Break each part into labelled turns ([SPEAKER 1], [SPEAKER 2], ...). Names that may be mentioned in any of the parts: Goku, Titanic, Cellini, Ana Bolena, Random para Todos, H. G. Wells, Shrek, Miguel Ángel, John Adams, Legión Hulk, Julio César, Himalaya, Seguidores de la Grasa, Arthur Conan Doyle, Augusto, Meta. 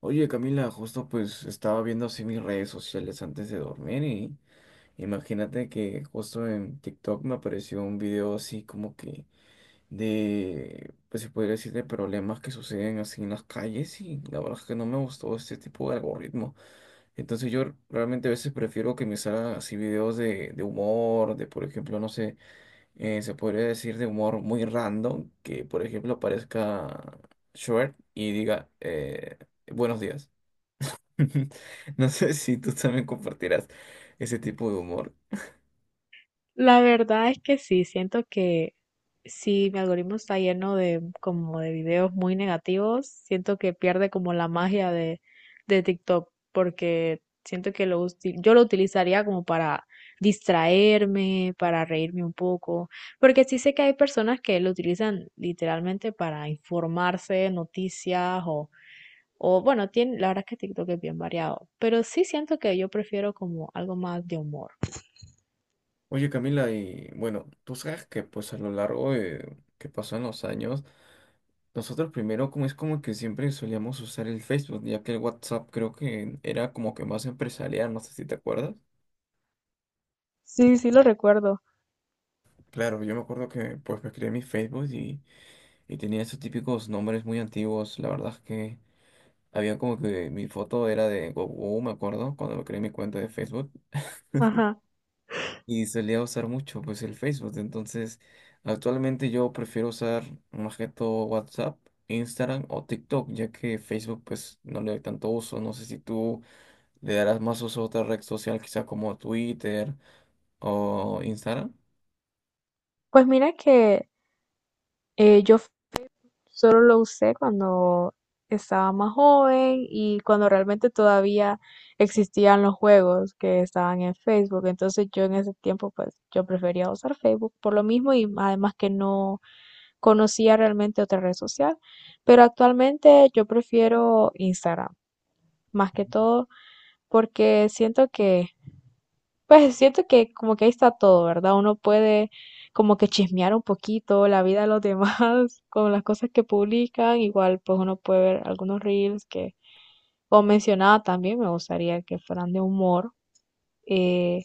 [SPEAKER 1] Oye, Camila, justo pues estaba viendo así mis redes sociales antes de dormir y imagínate que justo en TikTok me apareció un video así como que de, pues se podría decir, de problemas que suceden así en las calles, y la verdad es que no me gustó este tipo de algoritmo. Entonces yo realmente a veces prefiero que me salgan así videos de humor, de por ejemplo, no sé, se podría decir de humor muy random, que por ejemplo aparezca Shrek y diga, buenos días. No sé si tú también compartirás ese tipo de humor.
[SPEAKER 2] La verdad es que sí, siento que si mi algoritmo está lleno de como de videos muy negativos, siento que pierde como la magia de TikTok, porque siento que yo lo utilizaría como para distraerme, para reírme un poco, porque sí sé que hay personas que lo utilizan literalmente para informarse, noticias o bueno, tiene, la verdad es que TikTok es bien variado, pero sí siento que yo prefiero como algo más de humor.
[SPEAKER 1] Oye, Camila, y bueno, tú sabes que pues a lo largo de que pasan los años, nosotros primero como es como que siempre solíamos usar el Facebook, ya que el WhatsApp creo que era como que más empresarial, no sé si te acuerdas.
[SPEAKER 2] Sí, sí lo recuerdo.
[SPEAKER 1] Claro, yo me acuerdo que pues me creé mi Facebook y tenía esos típicos nombres muy antiguos. La verdad es que había como que mi foto era de Goku, me acuerdo, cuando me creé mi cuenta de Facebook.
[SPEAKER 2] Ajá.
[SPEAKER 1] Y solía usar mucho pues el Facebook. Entonces, actualmente yo prefiero usar más que todo WhatsApp, Instagram o TikTok, ya que Facebook pues no le doy tanto uso. No sé si tú le darás más uso a otra red social, quizá como Twitter o Instagram.
[SPEAKER 2] Pues mira que eh, yo f- solo lo usé cuando estaba más joven y cuando realmente todavía existían los juegos que estaban en Facebook. Entonces yo en ese tiempo pues yo prefería usar Facebook por lo mismo y además que no conocía realmente otra red social. Pero actualmente yo prefiero Instagram más que todo porque siento que pues siento que como que ahí está todo, ¿verdad? Uno puede como que chismear un poquito la vida de los demás con las cosas que publican. Igual pues uno puede ver algunos reels que, como mencionaba también, me gustaría que fueran de humor. eh,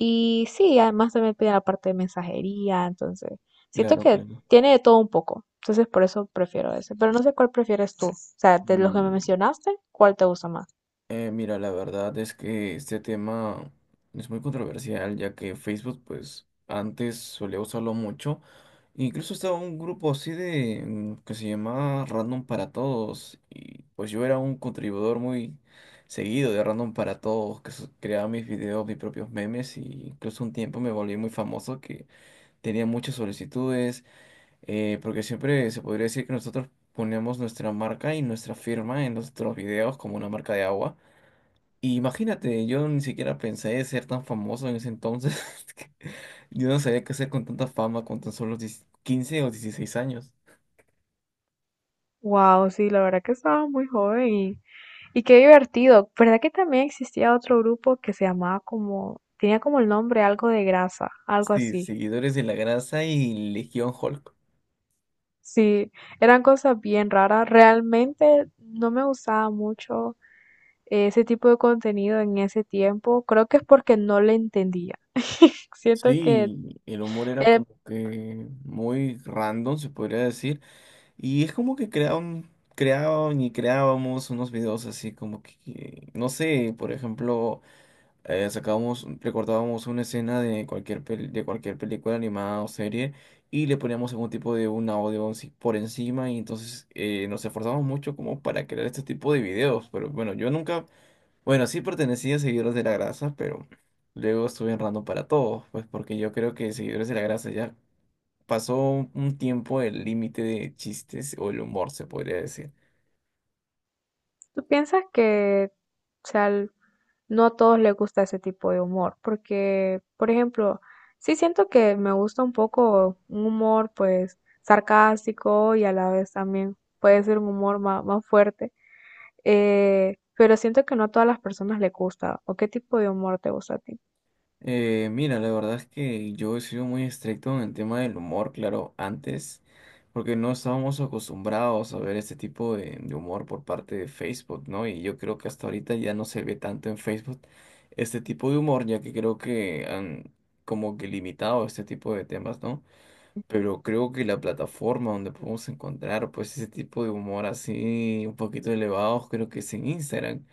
[SPEAKER 2] y sí, además también pide la parte de mensajería, entonces siento
[SPEAKER 1] Claro,
[SPEAKER 2] que
[SPEAKER 1] claro.
[SPEAKER 2] tiene de todo un poco. Entonces por eso prefiero ese. Pero no sé cuál prefieres tú. O sea, de los que me
[SPEAKER 1] Mm,
[SPEAKER 2] mencionaste, ¿cuál te gusta más?
[SPEAKER 1] Mira, la verdad es que este tema es muy controversial, ya que Facebook, pues antes solía usarlo mucho. Incluso estaba un grupo así de que se llamaba Random para Todos y pues yo era un contribuidor muy seguido de Random para Todos, que creaba mis videos, mis propios memes, y incluso un tiempo me volví muy famoso que tenía muchas solicitudes, porque siempre se podría decir que nosotros poníamos nuestra marca y nuestra firma en nuestros videos como una marca de agua. Y imagínate, yo ni siquiera pensé ser tan famoso en ese entonces. Yo no sabía qué hacer con tanta fama con tan solo 10, 15 o 16 años.
[SPEAKER 2] Wow, sí, la verdad que estaba muy joven. Y qué divertido. ¿Verdad que también existía otro grupo que se llamaba como, tenía como el nombre algo de grasa, algo
[SPEAKER 1] Sí,
[SPEAKER 2] así?
[SPEAKER 1] seguidores de la grasa y Legión Hulk.
[SPEAKER 2] Sí, eran cosas bien raras. Realmente no me gustaba mucho ese tipo de contenido en ese tiempo. Creo que es porque no le entendía. Siento que
[SPEAKER 1] Sí, el humor era
[SPEAKER 2] eh,
[SPEAKER 1] como que muy random, se podría decir. Y es como que creaban, creaban y creábamos unos videos así como que, no sé, por ejemplo. Sacábamos, recortábamos una escena de cualquier, de cualquier película animada o serie, y le poníamos algún tipo de un audio por encima, y entonces nos esforzamos mucho como para crear este tipo de videos, pero bueno, yo nunca, bueno, sí pertenecía a Seguidores de la Grasa, pero luego estuve errando para todos, pues porque yo creo que Seguidores de la Grasa ya pasó un tiempo el límite de chistes o el humor, se podría decir.
[SPEAKER 2] ¿tú piensas que, o sea, no a todos les gusta ese tipo de humor? Porque, por ejemplo, sí siento que me gusta un poco un humor, pues, sarcástico y a la vez también puede ser un humor más fuerte, pero siento que no a todas las personas les gusta. ¿O qué tipo de humor te gusta a ti?
[SPEAKER 1] Mira, la verdad es que yo he sido muy estricto en el tema del humor, claro, antes, porque no estábamos acostumbrados a ver este tipo de humor por parte de Facebook, ¿no? Y yo creo que hasta ahorita ya no se ve tanto en Facebook este tipo de humor, ya que creo que han como que limitado este tipo de temas, ¿no? Pero creo que la plataforma donde podemos encontrar pues ese tipo de humor así un poquito elevado, creo que es en Instagram.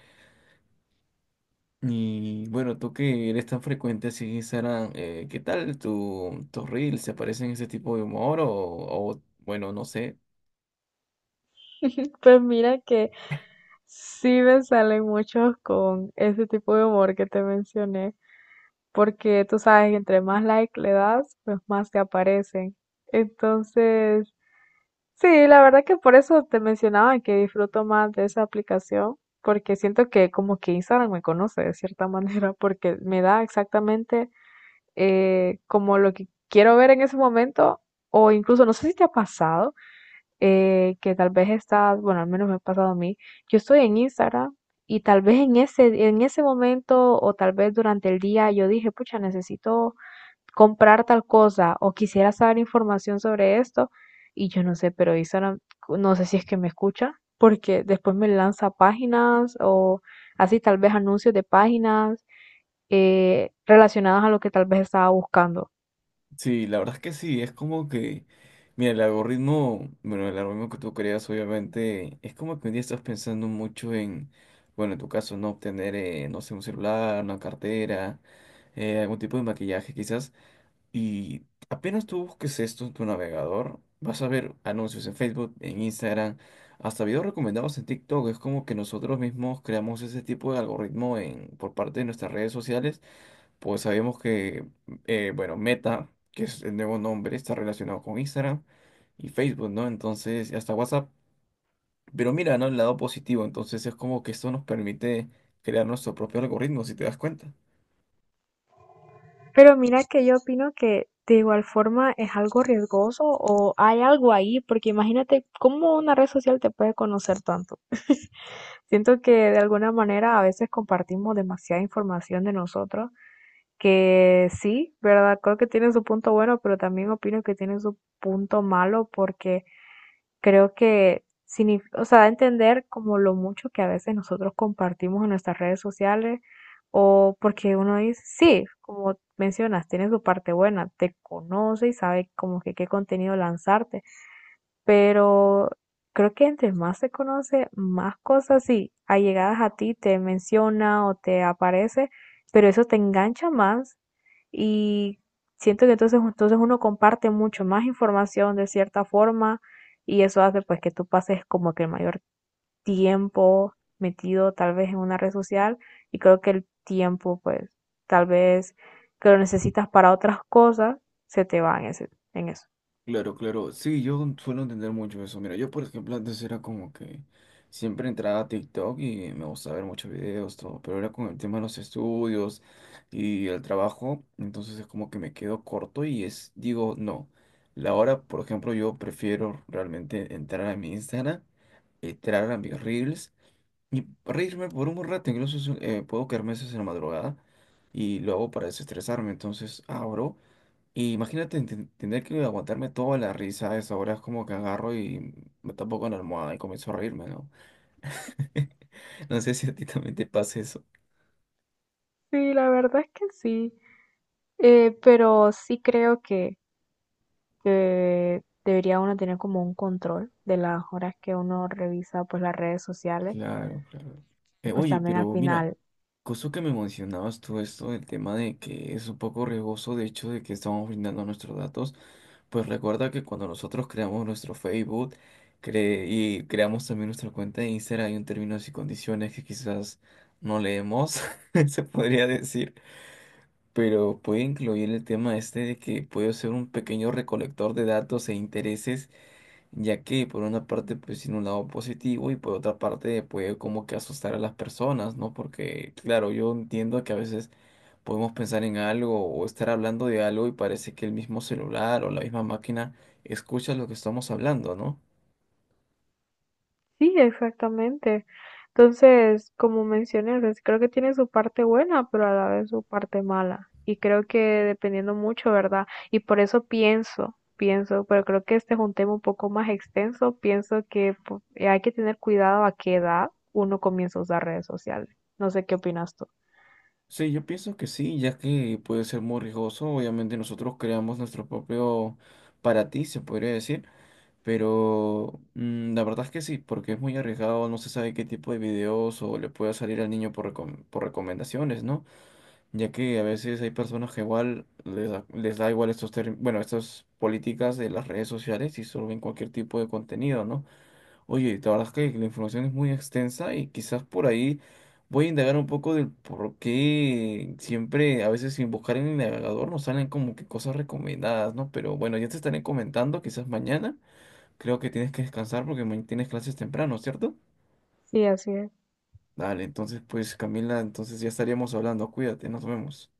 [SPEAKER 1] Y bueno, tú que eres tan frecuente así en Instagram, ¿qué tal tus reels? ¿Se parecen ese tipo de humor? Bueno, no sé.
[SPEAKER 2] Pues mira que sí me salen muchos con ese tipo de humor que te mencioné, porque tú sabes que entre más like le das, pues más te aparecen. Entonces, sí, la verdad que por eso te mencionaba que disfruto más de esa aplicación, porque siento que como que Instagram me conoce de cierta manera, porque me da exactamente como lo que quiero ver en ese momento, o incluso, no sé si te ha pasado, que tal vez estás, bueno, al menos me ha pasado a mí, yo estoy en Instagram. Y tal vez en ese momento o tal vez durante el día yo dije, pucha, necesito comprar tal cosa o quisiera saber información sobre esto y yo no sé, pero Instagram no sé si es que me escucha porque después me lanza páginas o así tal vez anuncios de páginas relacionadas a lo que tal vez estaba buscando.
[SPEAKER 1] Sí, la verdad es que sí, es como que, mira, el algoritmo, bueno, el algoritmo que tú creas obviamente, es como que un día estás pensando mucho en, bueno, en tu caso, no obtener, no sé, un celular, una cartera, algún tipo de maquillaje quizás. Y apenas tú busques esto en tu navegador, vas a ver anuncios en Facebook, en Instagram, hasta videos recomendados en TikTok. Es como que nosotros mismos creamos ese tipo de algoritmo en, por parte de nuestras redes sociales. Pues sabemos que, bueno, Meta, que es el nuevo nombre, está relacionado con Instagram y Facebook, ¿no? Entonces, y hasta WhatsApp. Pero mira, ¿no? El lado positivo. Entonces es como que esto nos permite crear nuestro propio algoritmo, si te das cuenta.
[SPEAKER 2] Pero mira que yo opino que de igual forma es algo riesgoso o hay algo ahí, porque imagínate cómo una red social te puede conocer tanto. Siento que de alguna manera a veces compartimos demasiada información de nosotros que sí, ¿verdad? Creo que tiene su punto bueno, pero también opino que tiene su punto malo, porque creo que o sea, da a entender como lo mucho que a veces nosotros compartimos en nuestras redes sociales, o porque uno dice, sí, como mencionas, tiene su parte buena, te conoce y sabe como que qué contenido lanzarte, pero creo que entre más se conoce, más cosas sí, allegadas a ti te menciona o te aparece, pero eso te engancha más, y siento que entonces uno comparte mucho más información de cierta forma, y eso hace pues que tú pases como que el mayor tiempo metido tal vez en una red social, y creo que el tiempo pues tal vez que lo necesitas para otras cosas se te va en eso.
[SPEAKER 1] Claro, claro. Sí, yo suelo entender mucho eso. Mira, yo por ejemplo antes era como que siempre entraba a TikTok y me gustaba ver muchos videos, todo, pero ahora con el tema de los estudios y el trabajo, entonces es como que me quedo corto y es, digo, no. La hora, por ejemplo, yo prefiero realmente entrar a mi Instagram, entrar a mis Reels y reírme por un rato, incluso es puedo quedarme a veces en la madrugada, y lo hago para desestresarme, entonces abro. Y imagínate tener que aguantarme toda la risa a esa hora, es como que agarro y me tapo con la almohada y comienzo a reírme, ¿no? No sé si a ti también te pasa eso.
[SPEAKER 2] Sí, la verdad es que sí, pero sí creo que debería uno tener como un control de las horas que uno revisa pues las redes sociales,
[SPEAKER 1] Claro, claro.
[SPEAKER 2] pues
[SPEAKER 1] Oye,
[SPEAKER 2] también al
[SPEAKER 1] pero mira,
[SPEAKER 2] final.
[SPEAKER 1] cosa que me mencionabas tú esto del tema de que es un poco riesgoso, de hecho, de que estamos brindando nuestros datos, pues recuerda que cuando nosotros creamos nuestro Facebook y creamos también nuestra cuenta de Instagram, hay un términos y condiciones que quizás no leemos, se podría decir. Pero puede incluir el tema este de que puedo ser un pequeño recolector de datos e intereses, ya que por una parte pues tiene un lado positivo, y por otra parte puede como que asustar a las personas, ¿no? Porque claro, yo entiendo que a veces podemos pensar en algo o estar hablando de algo y parece que el mismo celular o la misma máquina escucha lo que estamos hablando, ¿no?
[SPEAKER 2] Sí, exactamente. Entonces, como mencioné, o creo que tiene su parte buena, pero a la vez su parte mala. Y creo que dependiendo mucho, ¿verdad? Y por eso pienso, pero creo que este es un tema un poco más extenso. Pienso que hay que tener cuidado a qué edad uno comienza a usar redes sociales. No sé qué opinas tú.
[SPEAKER 1] Sí, yo pienso que sí, ya que puede ser muy riesgoso. Obviamente nosotros creamos nuestro propio para ti, se podría decir. Pero mm, la verdad es que sí, porque es muy arriesgado, no se sabe qué tipo de videos o le puede salir al niño por, por recomendaciones, ¿no? Ya que a veces hay personas que igual les da igual estos bueno, estas políticas de las redes sociales, y solo ven cualquier tipo de contenido, ¿no? Oye, la verdad es que la información es muy extensa y quizás por ahí voy a indagar un poco del por qué siempre, a veces sin buscar en el navegador, nos salen como que cosas recomendadas, ¿no? Pero bueno, ya te estaré comentando, quizás mañana. Creo que tienes que descansar porque mañana tienes clases temprano, ¿cierto?
[SPEAKER 2] Sí, así es.
[SPEAKER 1] Dale, entonces pues Camila, entonces ya estaríamos hablando. Cuídate, nos vemos.